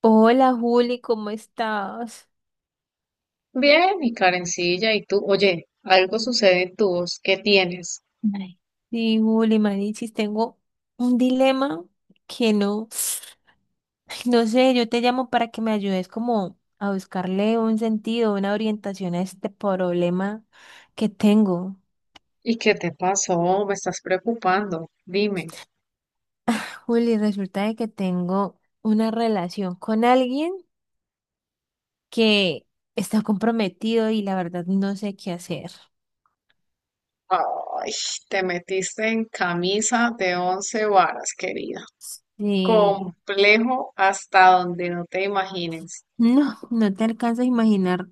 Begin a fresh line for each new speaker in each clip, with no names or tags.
Hola Juli, ¿cómo estás?
Bien, y Karencilla, y tú, oye, algo sucede en tu voz, ¿qué tienes?
Ay, sí, Juli, Manichis, tengo un dilema que no, ay, no sé, yo te llamo para que me ayudes como a buscarle un sentido, una orientación a este problema que tengo.
¿Y qué te pasó? Me estás preocupando, dime.
Juli, resulta de que tengo una relación con alguien que está comprometido y la verdad no sé qué hacer.
Ay, te metiste en camisa de once varas, querida.
Y
Complejo hasta donde no te imagines.
no, no te alcanzas a imaginar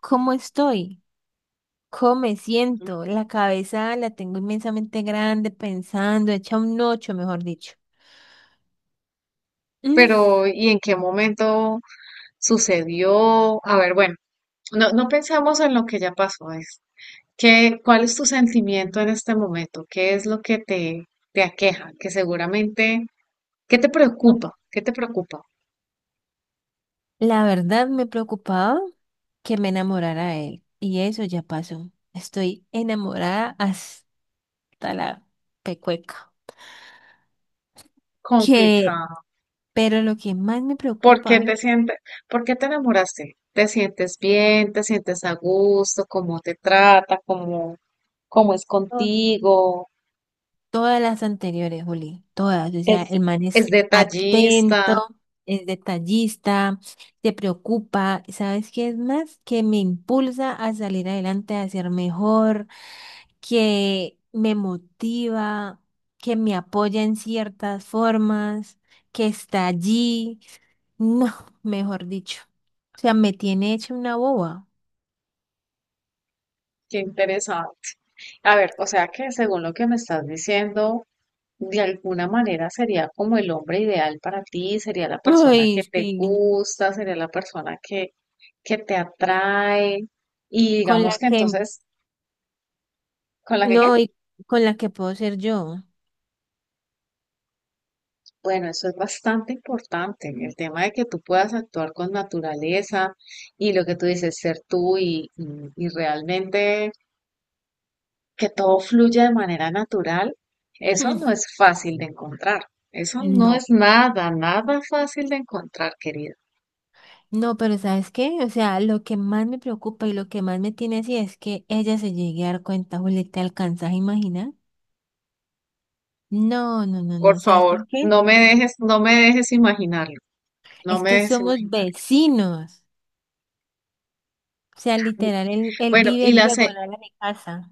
cómo estoy. ¿Cómo me siento? La cabeza la tengo inmensamente grande, pensando, hecha un ocho, mejor dicho. Mm.
Pero, ¿y en qué momento sucedió? A ver, bueno, no pensamos en lo que ya pasó, es ¿qué, cuál es tu sentimiento en este momento? ¿Qué es lo que te aqueja? Que seguramente ¿qué te preocupa? ¿Qué te preocupa?
La verdad me preocupaba que me enamorara de él. Y eso ya pasó. Estoy enamorada hasta la pecueca. Que,
Complicado.
pero lo que más me
¿Por
preocupa,
qué te sientes, por qué te enamoraste? ¿Te sientes bien? ¿Te sientes a gusto? ¿Cómo te trata? ¿Cómo, cómo es contigo?
todas las anteriores, Juli, todas. O sea,
¿Es,
el man
es
es atento,
detallista?
es detallista, se preocupa. ¿Sabes qué es más? Que me impulsa a salir adelante, a ser mejor, que me motiva, que me apoya en ciertas formas, que está allí. No, mejor dicho. O sea, me tiene hecha una boba.
Qué interesante. A ver, o sea que según lo que me estás diciendo, de alguna manera sería como el hombre ideal para ti, sería la persona
Ay,
que te
sí.
gusta, sería la persona que te atrae y
Con
digamos
la
que
que,
entonces, ¿con la que
no,
qué?
y con la que puedo ser yo.
Bueno, eso es bastante importante, el tema de que tú puedas actuar con naturaleza y lo que tú dices, ser tú y realmente que todo fluya de manera natural, eso no es fácil de encontrar. Eso no
No.
es nada, nada fácil de encontrar, querido.
No, pero ¿sabes qué? O sea, lo que más me preocupa y lo que más me tiene así es que ella se llegue a dar cuenta, Juli, ¿te alcanzas a imaginar? No, no, no,
Por
no, ¿sabes por
favor,
qué?
no me dejes imaginarlo, no
Es
me
que
dejes
somos
imaginarlo.
vecinos. O sea, literal, él
Bueno,
vive diagonal a mi casa.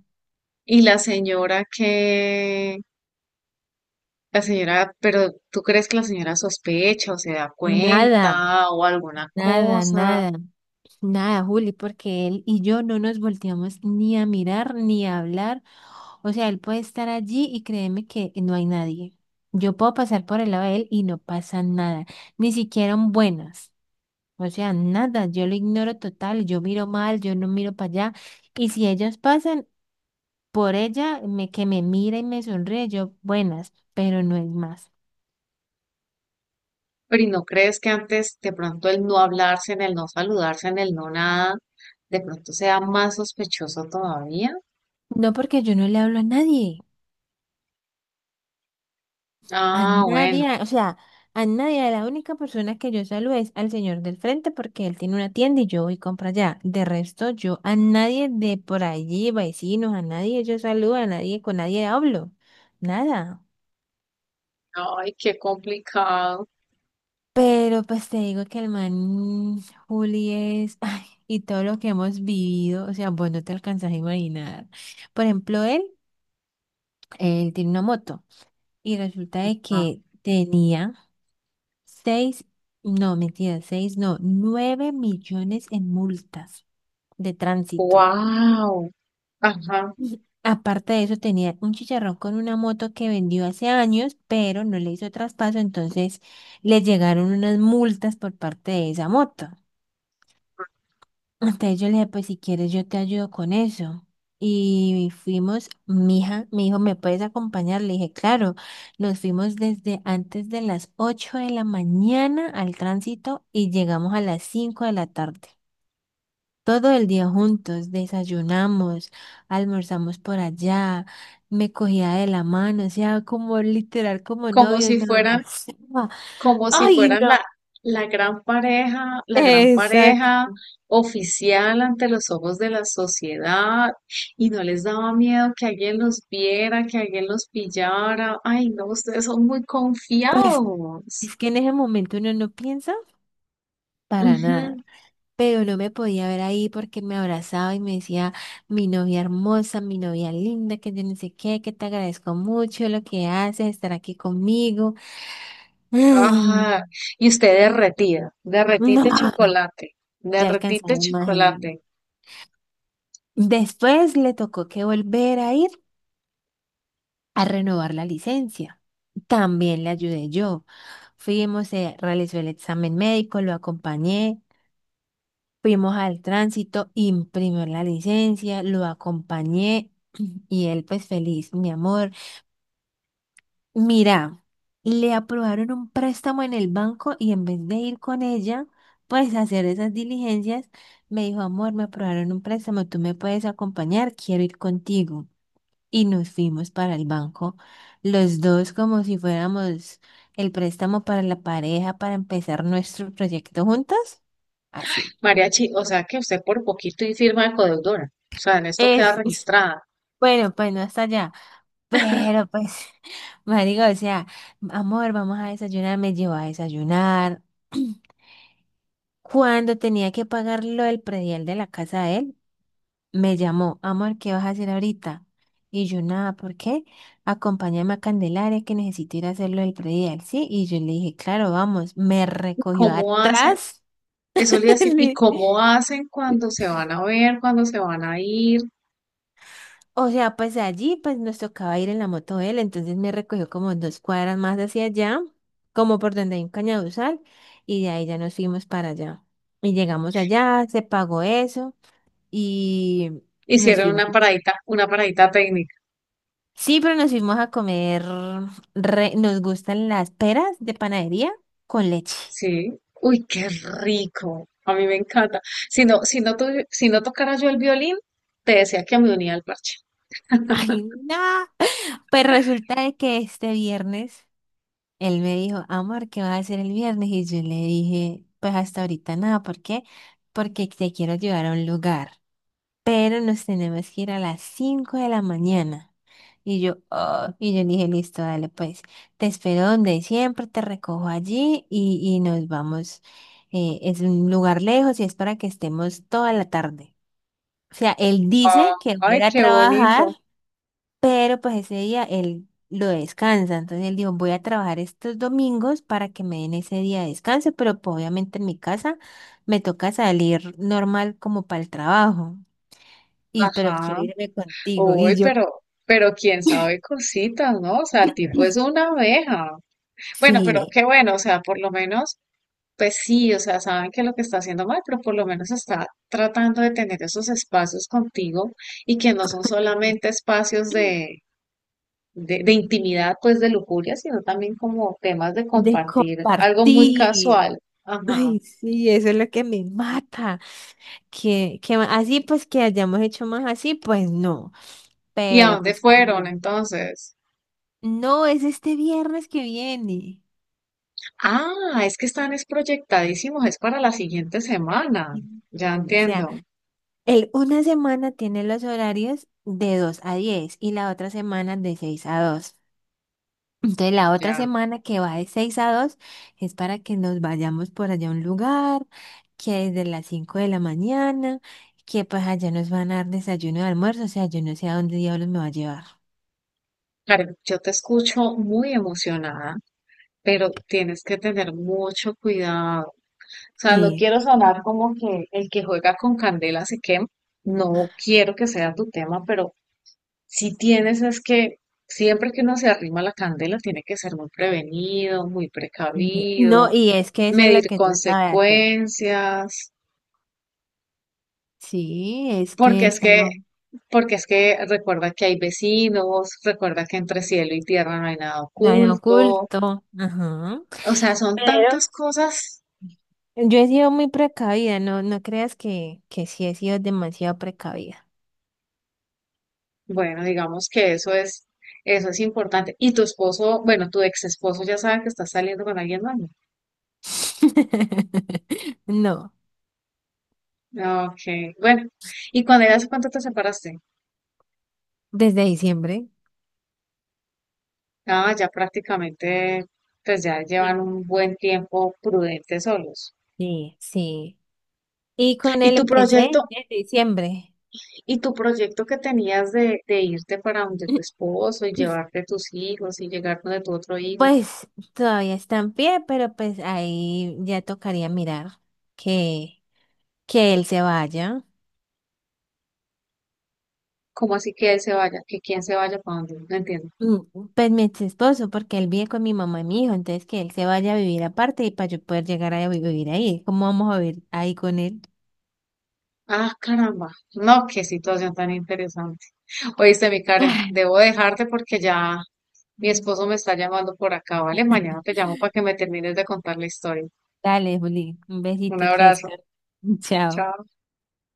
y la señora. La señora, pero ¿tú crees que la señora sospecha o se da
Nada,
cuenta o alguna
nada,
cosa?
nada. Nada, Juli, porque él y yo no nos volteamos ni a mirar ni a hablar. O sea, él puede estar allí y créeme que no hay nadie. Yo puedo pasar por el lado de él y no pasa nada, ni siquiera un buenas. O sea, nada, yo lo ignoro total, yo miro mal, yo no miro para allá. Y si ellos pasan por ella, me, que me mira y me sonríe, yo buenas, pero no es más.
Pero ¿y no crees que antes de pronto el no hablarse, en el no saludarse, en el no nada, de pronto sea más sospechoso todavía?
No porque yo no le hablo a nadie. A
Ah, bueno.
nadie, o sea, a nadie, a la única persona que yo saludo es al señor del frente porque él tiene una tienda y yo voy y compro allá. De resto, yo a nadie de por allí, vecinos, a nadie yo saludo, a nadie, con nadie hablo, nada.
Ay, qué complicado.
Pero pues te digo que el man Juli es, ay, y todo lo que hemos vivido, o sea, vos no te alcanzas a imaginar. Por ejemplo, él tiene una moto y resulta de que tenía seis, no, mentira, seis, no, 9 millones en multas de tránsito.
Wow. Ajá.
Y aparte de eso, tenía un chicharrón con una moto que vendió hace años, pero no le hizo traspaso, entonces le llegaron unas multas por parte de esa moto. Entonces yo le dije, pues si quieres yo te ayudo con eso. Y fuimos, mi hija me dijo, ¿me puedes acompañar? Le dije, claro. Nos fuimos desde antes de las 8 de la mañana al tránsito y llegamos a las 5 de la tarde. Todo el día juntos, desayunamos, almorzamos por allá, me cogía de la mano, o sea, como literal, como
Como
novios,
si
me
fueran
abrazaba.
como si
¡Ay,
fueran
no!
la gran pareja
Exacto.
oficial ante los ojos de la sociedad, y no les daba miedo que alguien los viera, que alguien los pillara. Ay, no, ustedes son muy
Pues
confiados.
es que en ese momento uno no piensa, para nada.
Ujú.
Pero no me podía ver ahí porque me abrazaba y me decía, mi novia hermosa, mi novia linda, que yo no sé qué, que te agradezco mucho lo que haces, estar aquí conmigo. Mm.
Ajá. Y usted derretida, derretite
No,
chocolate,
te alcanzaba
derretite
a imaginar.
chocolate.
Después le tocó que volver a ir a renovar la licencia. También le ayudé yo. Fuimos, se realizó el examen médico, lo acompañé. Fuimos al tránsito, imprimió la licencia, lo acompañé y él pues feliz, mi amor. Mira, le aprobaron un préstamo en el banco y en vez de ir con ella, pues a hacer esas diligencias, me dijo, amor, me aprobaron un préstamo, tú me puedes acompañar, quiero ir contigo. Y nos fuimos para el banco, los dos como si fuéramos el préstamo para la pareja, para empezar nuestro proyecto juntos. Así.
Mariachi, o sea que usted por poquito y firma de codeudora. O sea, en esto queda
Es.
registrada.
Bueno, pues no está allá. Pero pues, marico, o sea, amor, vamos a desayunar, me llevó a desayunar. Cuando tenía que pagar lo del predial de la casa de él, me llamó, amor, ¿qué vas a hacer ahorita? Y yo, nada, ¿por qué? Acompáñame a Candelaria que necesito ir a hacer lo del predial, ¿sí? Y yo le dije, claro, vamos. Me recogió
¿Cómo hace?
atrás.
Eso le iba a decir, ¿y cómo hacen cuando se van a ver, cuando se van a ir?
O sea, pues allí pues nos tocaba ir en la moto él, entonces me recogió como 2 cuadras más hacia allá, como por donde hay un cañaduzal, y de ahí ya nos fuimos para allá. Y llegamos allá, se pagó eso, y nos
Hicieron
fuimos.
una paradita técnica,
Sí, pero nos fuimos a comer, nos gustan las peras de panadería con leche.
¿sí? Uy, qué rico. A mí me encanta. Si no, si no tocara yo el violín, te decía que me unía al parche.
Ay, no. Pues resulta de que este viernes él me dijo, amor, ¿qué vas a hacer el viernes? Y yo le dije, pues hasta ahorita nada, ¿por qué? Porque te quiero llevar a un lugar, pero nos tenemos que ir a las 5 de la mañana. Y yo, "Oh", y yo le dije, listo, dale, pues, te espero donde siempre, te recojo allí y nos vamos. Es un lugar lejos y es para que estemos toda la tarde. O sea, él
Ah,
dice que va a
ay,
ir a
qué
trabajar
bonito.
pero pues ese día él lo descansa, entonces él dijo, voy a trabajar estos domingos para que me den ese día de descanso, pero pues obviamente en mi casa me toca salir normal como para el trabajo, y pero
Ajá.
quiero irme contigo,
Uy,
y yo,
pero quién sabe cositas, ¿no? O sea, el tipo es una abeja. Bueno, pero
sí,
qué bueno, o sea, por lo menos. Pues sí, o sea, saben que lo que está haciendo mal, pero por lo menos está tratando de tener esos espacios contigo y que no son solamente espacios de intimidad, pues de lujuria, sino también como temas de
de
compartir algo muy
compartir.
casual. Ajá.
Ay, sí, eso es lo que me mata, que así pues que hayamos hecho más así, pues no,
¿Y a
pero
dónde
pues
fueron
no,
entonces?
no es este viernes que viene.
Ah, es que están es proyectadísimos, es para la siguiente semana. Ya
Mm, o sea,
entiendo,
el, una semana tiene los horarios de 2 a 10 y la otra semana de 6 a 2. Entonces la otra
ya.
semana que va de 6 a 2 es para que nos vayamos por allá a un lugar, que desde las 5 de la mañana, que pues allá nos van a dar desayuno y almuerzo, o sea, yo no sé a dónde diablos me va a llevar.
Karen, yo te escucho muy emocionada, pero tienes que tener mucho cuidado. Sea, no
Sí.
quiero sonar como que el que juega con candela se quema. No quiero que sea tu tema, pero si tienes es que siempre que uno se arrima a la candela tiene que ser muy prevenido, muy
Y- no,
precavido,
y es que eso es lo
medir
que trata de hacer.
consecuencias,
Sí, es que
porque es
está,
que, porque es que recuerda que hay vecinos, recuerda que entre cielo y tierra no hay nada
está en
oculto.
oculto. Ajá.
O sea, son tantas cosas.
Yo he sido muy precavida, no, no creas que, sí he sido demasiado precavida.
Bueno, digamos que eso es importante. Y tu esposo, bueno, tu ex esposo ya sabe que estás saliendo con alguien más, ¿no?
No,
Ok, bueno. ¿Y cuando ya hace cuánto te separaste?
desde diciembre.
Ah, ya prácticamente, pues ya llevan
Sí,
un buen tiempo prudente solos.
sí, sí. Y con
¿Y
él
tu
empecé
proyecto,
desde diciembre.
que tenías de irte para donde tu esposo y llevarte tus hijos y llegar donde tu otro hijo?
Pues todavía está en pie, pero pues ahí ya tocaría mirar que, que él se vaya.
¿Cómo así que él se vaya? ¿Que quién se vaya para donde? No entiendo.
Mm, pues mi ex esposo, porque él vive con mi mamá y mi hijo, entonces que él se vaya a vivir aparte y para yo poder llegar a vivir ahí. ¿Cómo vamos a vivir ahí con él?
Ah, caramba. No, qué situación tan interesante. Oíste, mi Karen, debo dejarte porque ya mi esposo me está llamando por acá, ¿vale? Mañana te llamo para que me termines de contar la historia.
Dale, Juli, un
Un
besito que
abrazo.
descanses. Chao.
Chao.